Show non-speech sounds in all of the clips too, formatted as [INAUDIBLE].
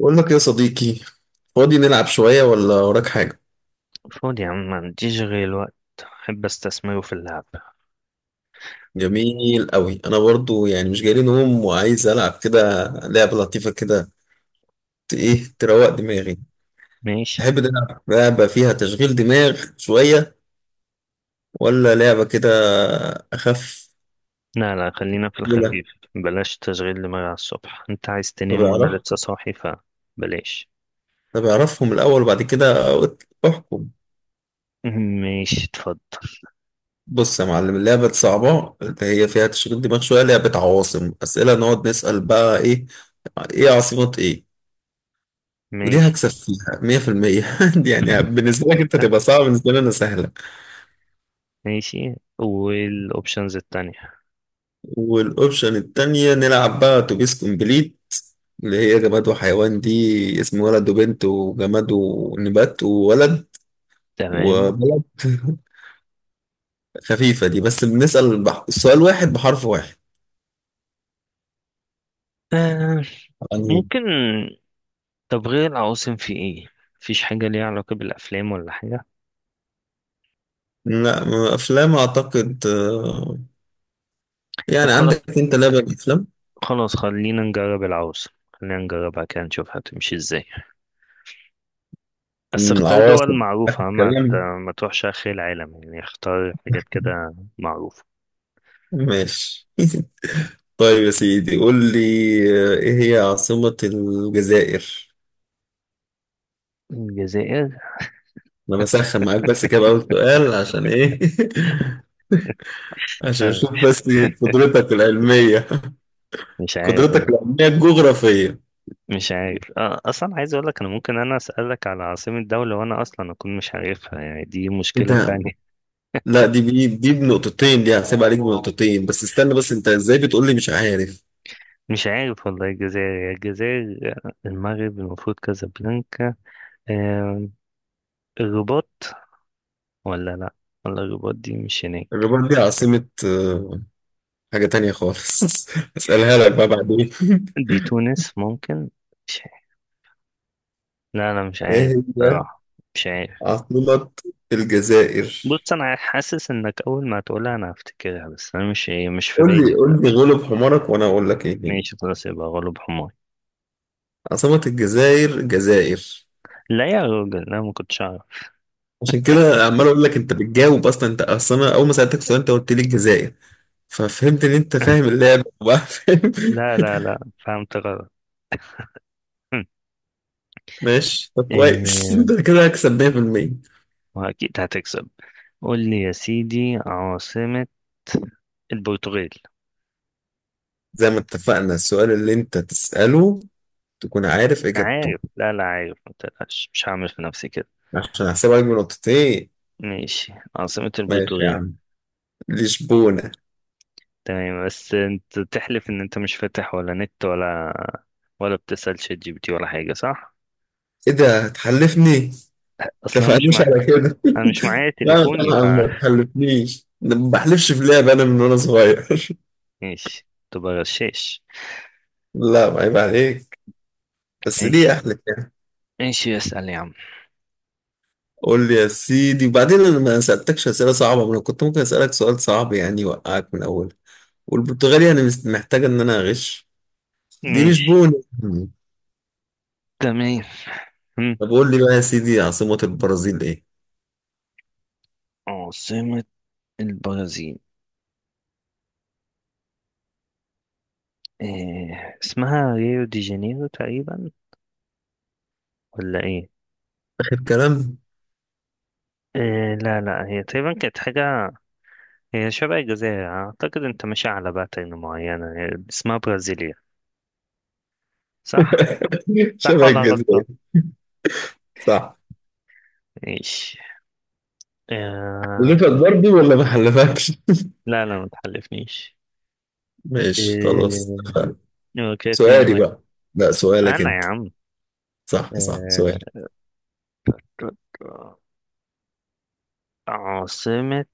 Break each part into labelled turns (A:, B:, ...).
A: بقول لك يا صديقي، فاضي نلعب شوية ولا وراك حاجة؟
B: فاضي يا عم، ما عنديش غير الوقت، أحب أستثمره في اللعب.
A: جميل قوي. أنا برضو يعني مش جاي لي نوم وعايز ألعب كده لعبة لطيفة كده. إيه، تروق دماغي.
B: ماشي.
A: تحب نلعب لعبة فيها تشغيل دماغ شوية ولا لعبة كده أخف؟
B: لا لا، خلينا في
A: ولا
B: الخفيف. بلاش تشغيل دماغ على الصبح، أنت عايز
A: طب
B: تنام وأنا
A: أعرف
B: لسه صاحي فبلاش.
A: طب أعرفهم الأول وبعد كده أحكم.
B: [LAUGHS] ماشي اتفضل.
A: بص يا معلم، اللعبة الصعبة اللي هي فيها تشغيل دماغ شوية لعبة عواصم، أسئلة نقعد نسأل بقى إيه عاصمة إيه. ودي
B: ماشي.
A: هكسب فيها 100% [LAUGHS] يعني بالنسبة لك انت تبقى صعبة، بالنسبة لي انا سهلة.
B: ماشي، والأوبشنز التانية؟
A: والاوبشن التانية نلعب بقى اتوبيس كومبليت، اللي هي جماد وحيوان دي، اسم ولد وبنت وجماد ونبات وولد
B: تمام.
A: وبلد [LAUGHS] خفيفة دي، بس بنسأل سؤال واحد بحرف واحد
B: آه،
A: يعني.
B: ممكن. طب غير العواصم في إيه؟ مفيش حاجة ليها علاقة بالأفلام ولا حاجة؟
A: لا أفلام أعتقد
B: طب
A: يعني
B: خلاص،
A: عندك أنت لعبة أفلام.
B: خلاص خلينا نجرب العواصم، خلينا نجربها كده نشوف هتمشي إزاي. بس اختار دول
A: العواصم آخر
B: معروفة،
A: كلام.
B: ما تروحش آخر العالم يعني، اختار حاجات كده معروفة.
A: ماشي [LAUGHS] طيب يا سيدي، قول لي. ايه هي عاصمة الجزائر؟
B: الجزائر.
A: انا بسخن معاك بس كده بقى، سؤال عشان ايه؟ [LAUGHS] عشان
B: آه،
A: اشوف بس قدرتك العلمية
B: مش
A: [LAUGHS]
B: عارف
A: قدرتك
B: والله.
A: العلمية الجغرافية.
B: مش عارف. أصلا عايز أقول لك، أنا ممكن أنا أسألك على عاصمة دولة وأنا أصلا أكون مش عارفها، يعني دي
A: ايه
B: مشكلة
A: ده؟
B: تانية.
A: لا دي بي، دي بنقطتين دي، هحسب عليك بنقطتين. بس استنى بس، انت ازاي بتقول لي مش عارف؟
B: [LAUGHS] مش عارف والله. الجزائر يا الجزائر. المغرب المفروض كازابلانكا. آه، الرباط. ولا لأ، ولا الرباط دي مش هناك.
A: الرباط دي عاصمة حاجة تانية خالص [LAUGHS] اسألها لك بقى بعدين
B: دي تونس ممكن. مش عارف. لا أنا مش
A: [LAUGHS]
B: عارف
A: ايه هي
B: بصراحة. مش عارف.
A: عاصمة الجزائر؟
B: بص، انا حاسس انك اول ما تقولها انا هفتكرها، بس انا مش، ايه، مش في
A: قول
B: بالي
A: لي قول لي،
B: دلوقتي.
A: غلب حمارك وانا اقول لك ايه هي.
B: ماشي خلاص، يبقى غلب حماري.
A: عاصمة الجزائر الجزائر.
B: لا يا راجل انا ما كنتش اعرف.
A: عشان كده عمال اقول لك انت بتجاوب اصلا، انت اصلا أنا اول ما سألتك السؤال انت قلت لي الجزائر، ففهمت ان انت فاهم
B: [LAUGHS]
A: اللعبة وبقى فاهم
B: لا لا
A: [LAUGHS]
B: لا، فهمت غلط. هم.
A: ماشي طب، كويس [LAUGHS]
B: إيه.
A: انت كده هكسب 100%.
B: واكيد هتكسب. قول لي يا سيدي، عاصمة البرتغال.
A: زي ما اتفقنا، السؤال اللي انت تسأله تكون عارف اجابته،
B: عارف، لا لا عارف، ما تقلقش، مش هعمل في نفسي كده.
A: عشان احسبها لك بنقطتين.
B: ماشي، عاصمة
A: ماشي يا
B: البرتغال.
A: عم، لشبونة.
B: تمام، بس انت تحلف ان انت مش فاتح ولا نت، ولا ولا بتسأل شات جي بي تي، ولا حاجة، صح؟
A: ايه ده، هتحلفني؟
B: اصلا مش
A: اتفقناش
B: مع،
A: على كده
B: انا مش معايا
A: [LAUGHS] لا
B: تليفوني،
A: طبعا
B: ف.
A: ما تحلفنيش، أنا ما بحلفش في لعبة انا، من وانا صغير [LAUGHS]
B: ماشي، تبقى غشاش.
A: لا ما عيب عليك، بس ليه
B: ماشي،
A: اهلك يعني.
B: ماشي اسأل يا عم.
A: قول لي يا سيدي. وبعدين انا ما سالتكش اسئله صعبه، ما انا كنت ممكن اسالك سؤال صعب يعني يوقعك من اول. والبرتغالي انا محتاجه ان انا اغش. دي
B: ماشي.
A: لشبونه.
B: تمام. هم.
A: طب قول لي بقى يا سيدي، عاصمه البرازيل ايه.
B: عاصمة البرازيل. إيه، اسمها ريو دي جانيرو تقريبا، ولا ايه؟
A: اخر كلام
B: إيه، لا لا، هي تقريبا كانت حاجة، هي شبه الجزائر اعتقد، انت ماشي على باترن معينة. هي اسمها برازيليا، صح؟
A: [LAUGHS]
B: صح
A: شبه
B: ولا
A: الجزائر؟
B: غلطة؟
A: صح.
B: ماشي. إيه.
A: حلفك برضه ولا ما حلفكش؟
B: لا لا، ما تحلفنيش.
A: ماشي خلاص،
B: إيه.
A: اتفقنا.
B: هو كده اتنين
A: سؤالي
B: واحد
A: بقى. لا، سؤالك
B: انا يا
A: انت.
B: عم.
A: صح صح، سؤال.
B: آه... عاصمة.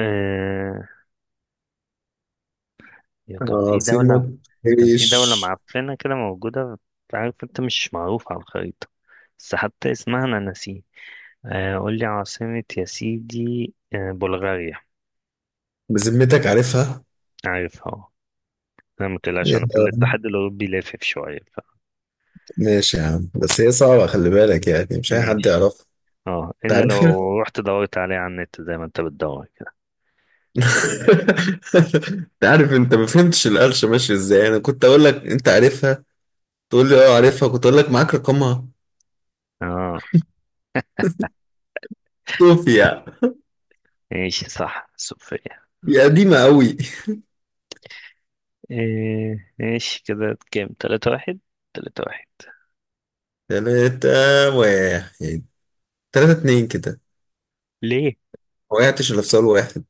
B: آه... يا كان في دولة.
A: عاصمه
B: كان في
A: ايش؟
B: دولة معفنة كده موجودة، عارف، انت مش معروف على الخريطة. بس حتى اسمها أنا ناسيه. قول لي عاصمة يا سيدي، بلغاريا.
A: بذمتك عارفها؟
B: عارفها، اه. أنا متقلقش،
A: يا
B: أنا في الاتحاد الأوروبي لافف شوية
A: ماشي يا عم، بس هي صعبة، خلي بالك يعني مش أي حد
B: ماشي.
A: يعرفها.
B: اه،
A: أنت
B: إلا
A: عارفها [LAUGHS]
B: لو رحت دورت عليه على النت زي ما انت بتدور كده.
A: أنت عارف، أنت ما فهمتش القرشة ماشية إزاي. أنا كنت أقول لك أنت عارفها، تقول لي أه عارفها، كنت أقول لك معاك رقمها.
B: اه.
A: صوفيا.
B: ماشي، صح، صوفيا.
A: دي قديمة أوي.
B: إيه، ماشي، كده كام؟ 3-1. 3-1.
A: تلاتة واحد. تلاتة اتنين كده.
B: ليه؟
A: ما وقعتش إلا في سؤال واحد.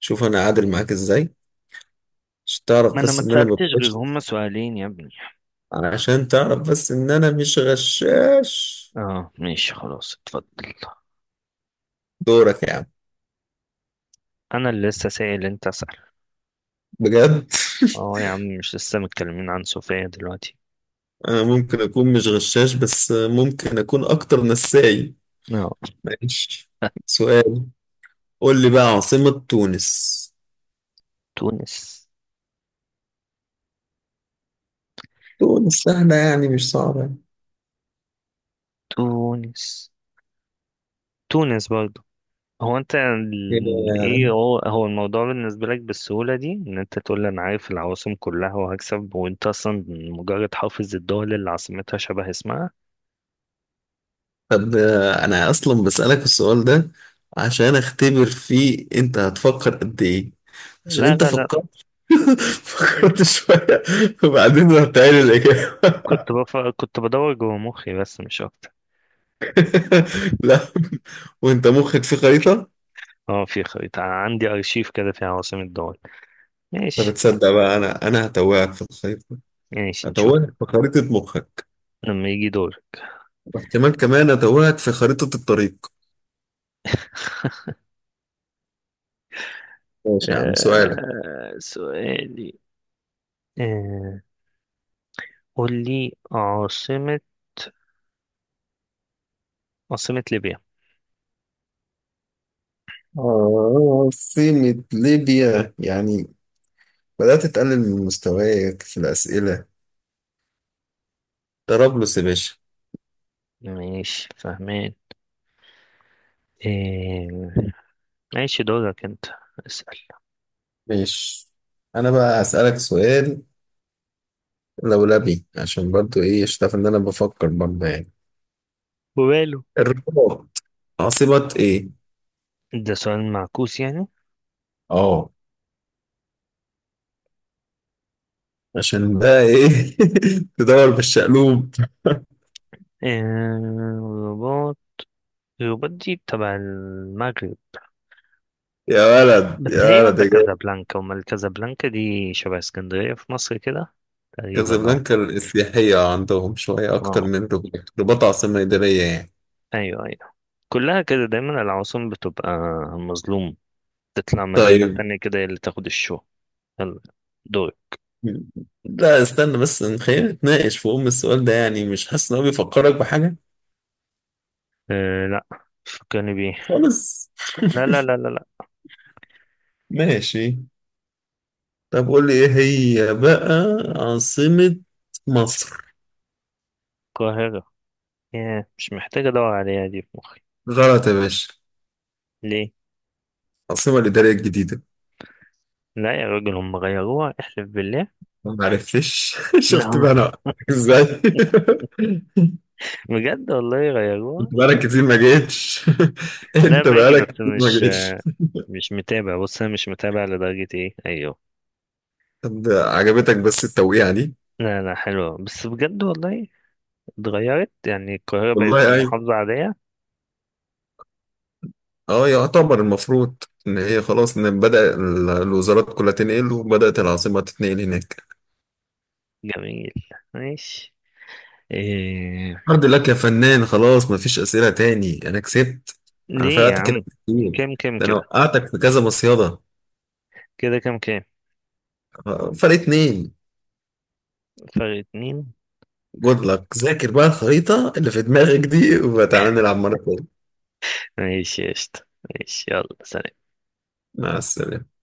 A: شوف أنا عادل معاك إزاي، عشان
B: ما
A: تعرف
B: انا ما
A: بس إن أنا ما
B: اتسألتش غير
A: بغش،
B: هما سؤالين يا ابني.
A: عشان تعرف بس إن أنا مش غشاش.
B: اه ماشي خلاص اتفضل.
A: دورك يا عم.
B: انا اللي لسه سائل، انت اسأل.
A: بجد.
B: اه يا عم، مش لسه متكلمين عن صوفيا دلوقتي.
A: انا ممكن اكون مش غشاش، بس ممكن اكون اكتر نساي.
B: اه.
A: ماشي.
B: [LAUGHS]
A: سؤال. قول لي بقى عاصمة تونس.
B: تونس.
A: تونس سهلة يعني، مش صعبة يعني.
B: تونس. تونس برضه. هو انت ايه،
A: إيه،
B: هو الموضوع بالنسبة لك بالسهولة دي، ان انت تقول لي انا عارف العواصم كلها وهكسب، وانت اصلا مجرد حافظ الدول اللي عاصمتها شبه اسمها.
A: طب انا اصلا بسألك السؤال ده عشان اختبر فيه انت هتفكر قد ايه. عشان
B: لا
A: انت
B: لا لا،
A: فكرت [LAUGHS] فكرت شوية وبعدين رحت قايل الإجابة
B: كنت بدور جوه مخي بس مش اكتر.
A: [LAUGHS] لا، وانت مخك في خريطة.
B: اه في خريطة، عندي أرشيف كده فيها عواصم الدول.
A: طب
B: ماشي.
A: تصدق بقى، انا هتوهك في الخريطة.
B: ماشي نشوف.
A: هتوهك في خريطة مخك،
B: لما يجي دورك.
A: واحتمال كمان أتوهك في خريطة الطريق. ماشي يا عم، سؤالك.
B: آه سؤالي. آه، قول لي عاصمة، عاصمة ليبيا.
A: آه، سمة ليبيا يعني، بدأت تقلل من مستواك في الأسئلة. طرابلس يا باشا.
B: ماشي فاهمين. آه ماشي، دورك انت، اسأل.
A: ماشي. أنا بقى هسألك سؤال لولبي، عشان برضو إيه، اشتاف إن أنا بفكر برضو يعني.
B: وباله.
A: الرباط عاصمة إيه؟
B: ده سؤال معكوس يعني.
A: آه، عشان بقى إيه [LAUGHS] تدور بالشقلوب.
B: آه. رباط. رباط دي تبع المغرب.
A: يا ولد،
B: بس
A: يا
B: هي
A: ولد،
B: ولا
A: يا جامد.
B: كازابلانكا، وما الكازابلانكا دي شبه اسكندرية في مصر كده تقريبا. اه.
A: كازابلانكا السياحية عندهم شوية أكتر
B: اه
A: من رباط، رباط عاصمة إدارية يعني.
B: ايوه ايوه، كلها كده دايما، العواصم بتبقى مظلوم، تطلع مدينة
A: طيب.
B: تانية كده هي اللي تاخد الشو. يلا دول.
A: لا استنى بس، خلينا نتناقش في أم السؤال ده، يعني مش حاسس إن هو بيفكرك بحاجة؟
B: أه لا، فكرني بيه.
A: خالص.
B: لا لا لا لا لا.
A: ماشي. طب قول لي إيه هي بقى عاصمة مصر.
B: القاهرة. ياه، مش محتاج ادور عليها دي في مخي.
A: غلط يا باشا.
B: ليه؟
A: العاصمة الإدارية الجديدة.
B: لا يا راجل، هم غيروها؟ احلف بالله.
A: ما عرفتش [LAUGHS]
B: [LAUGHS]
A: شفت
B: لا
A: بقى أنا وقعتك إزاي [LAUGHS]
B: بجد، والله غيروها؟
A: كنت بقالك كتير ما جيتش [LAUGHS]
B: لا
A: أنت
B: باجي،
A: بقالك
B: بس
A: كتير ما
B: مش،
A: جيتش.
B: مش متابع. بص انا مش متابع لدرجة، ايه ايوه.
A: طب عجبتك بس التوقيعة دي؟
B: لا لا حلوة، بس بجد والله اتغيرت يعني؟ القاهرة بقت
A: والله أيوة.
B: محافظة عادية؟
A: اه يعتبر، المفروض ان هي خلاص، ان بدأ الوزارات كلها تنقل وبدأت العاصمة تتنقل هناك.
B: جميل. ماشي. إيه...
A: الحمد لله يا فنان، خلاص مفيش أسئلة تاني، انا كسبت. انا
B: ليه يا
A: فرقت
B: عم؟
A: كده كتير،
B: كام كام
A: ده انا
B: كده؟
A: وقعتك في كذا مصيدة.
B: كده كام كام؟
A: آه، فرق اتنين.
B: فرق 2.
A: جود لك، ذاكر بقى الخريطة اللي في دماغك دي وتعالى نلعب مرة تانية.
B: ماشي يا قشطة. ماشي، يلا سلام.
A: مع السلامة.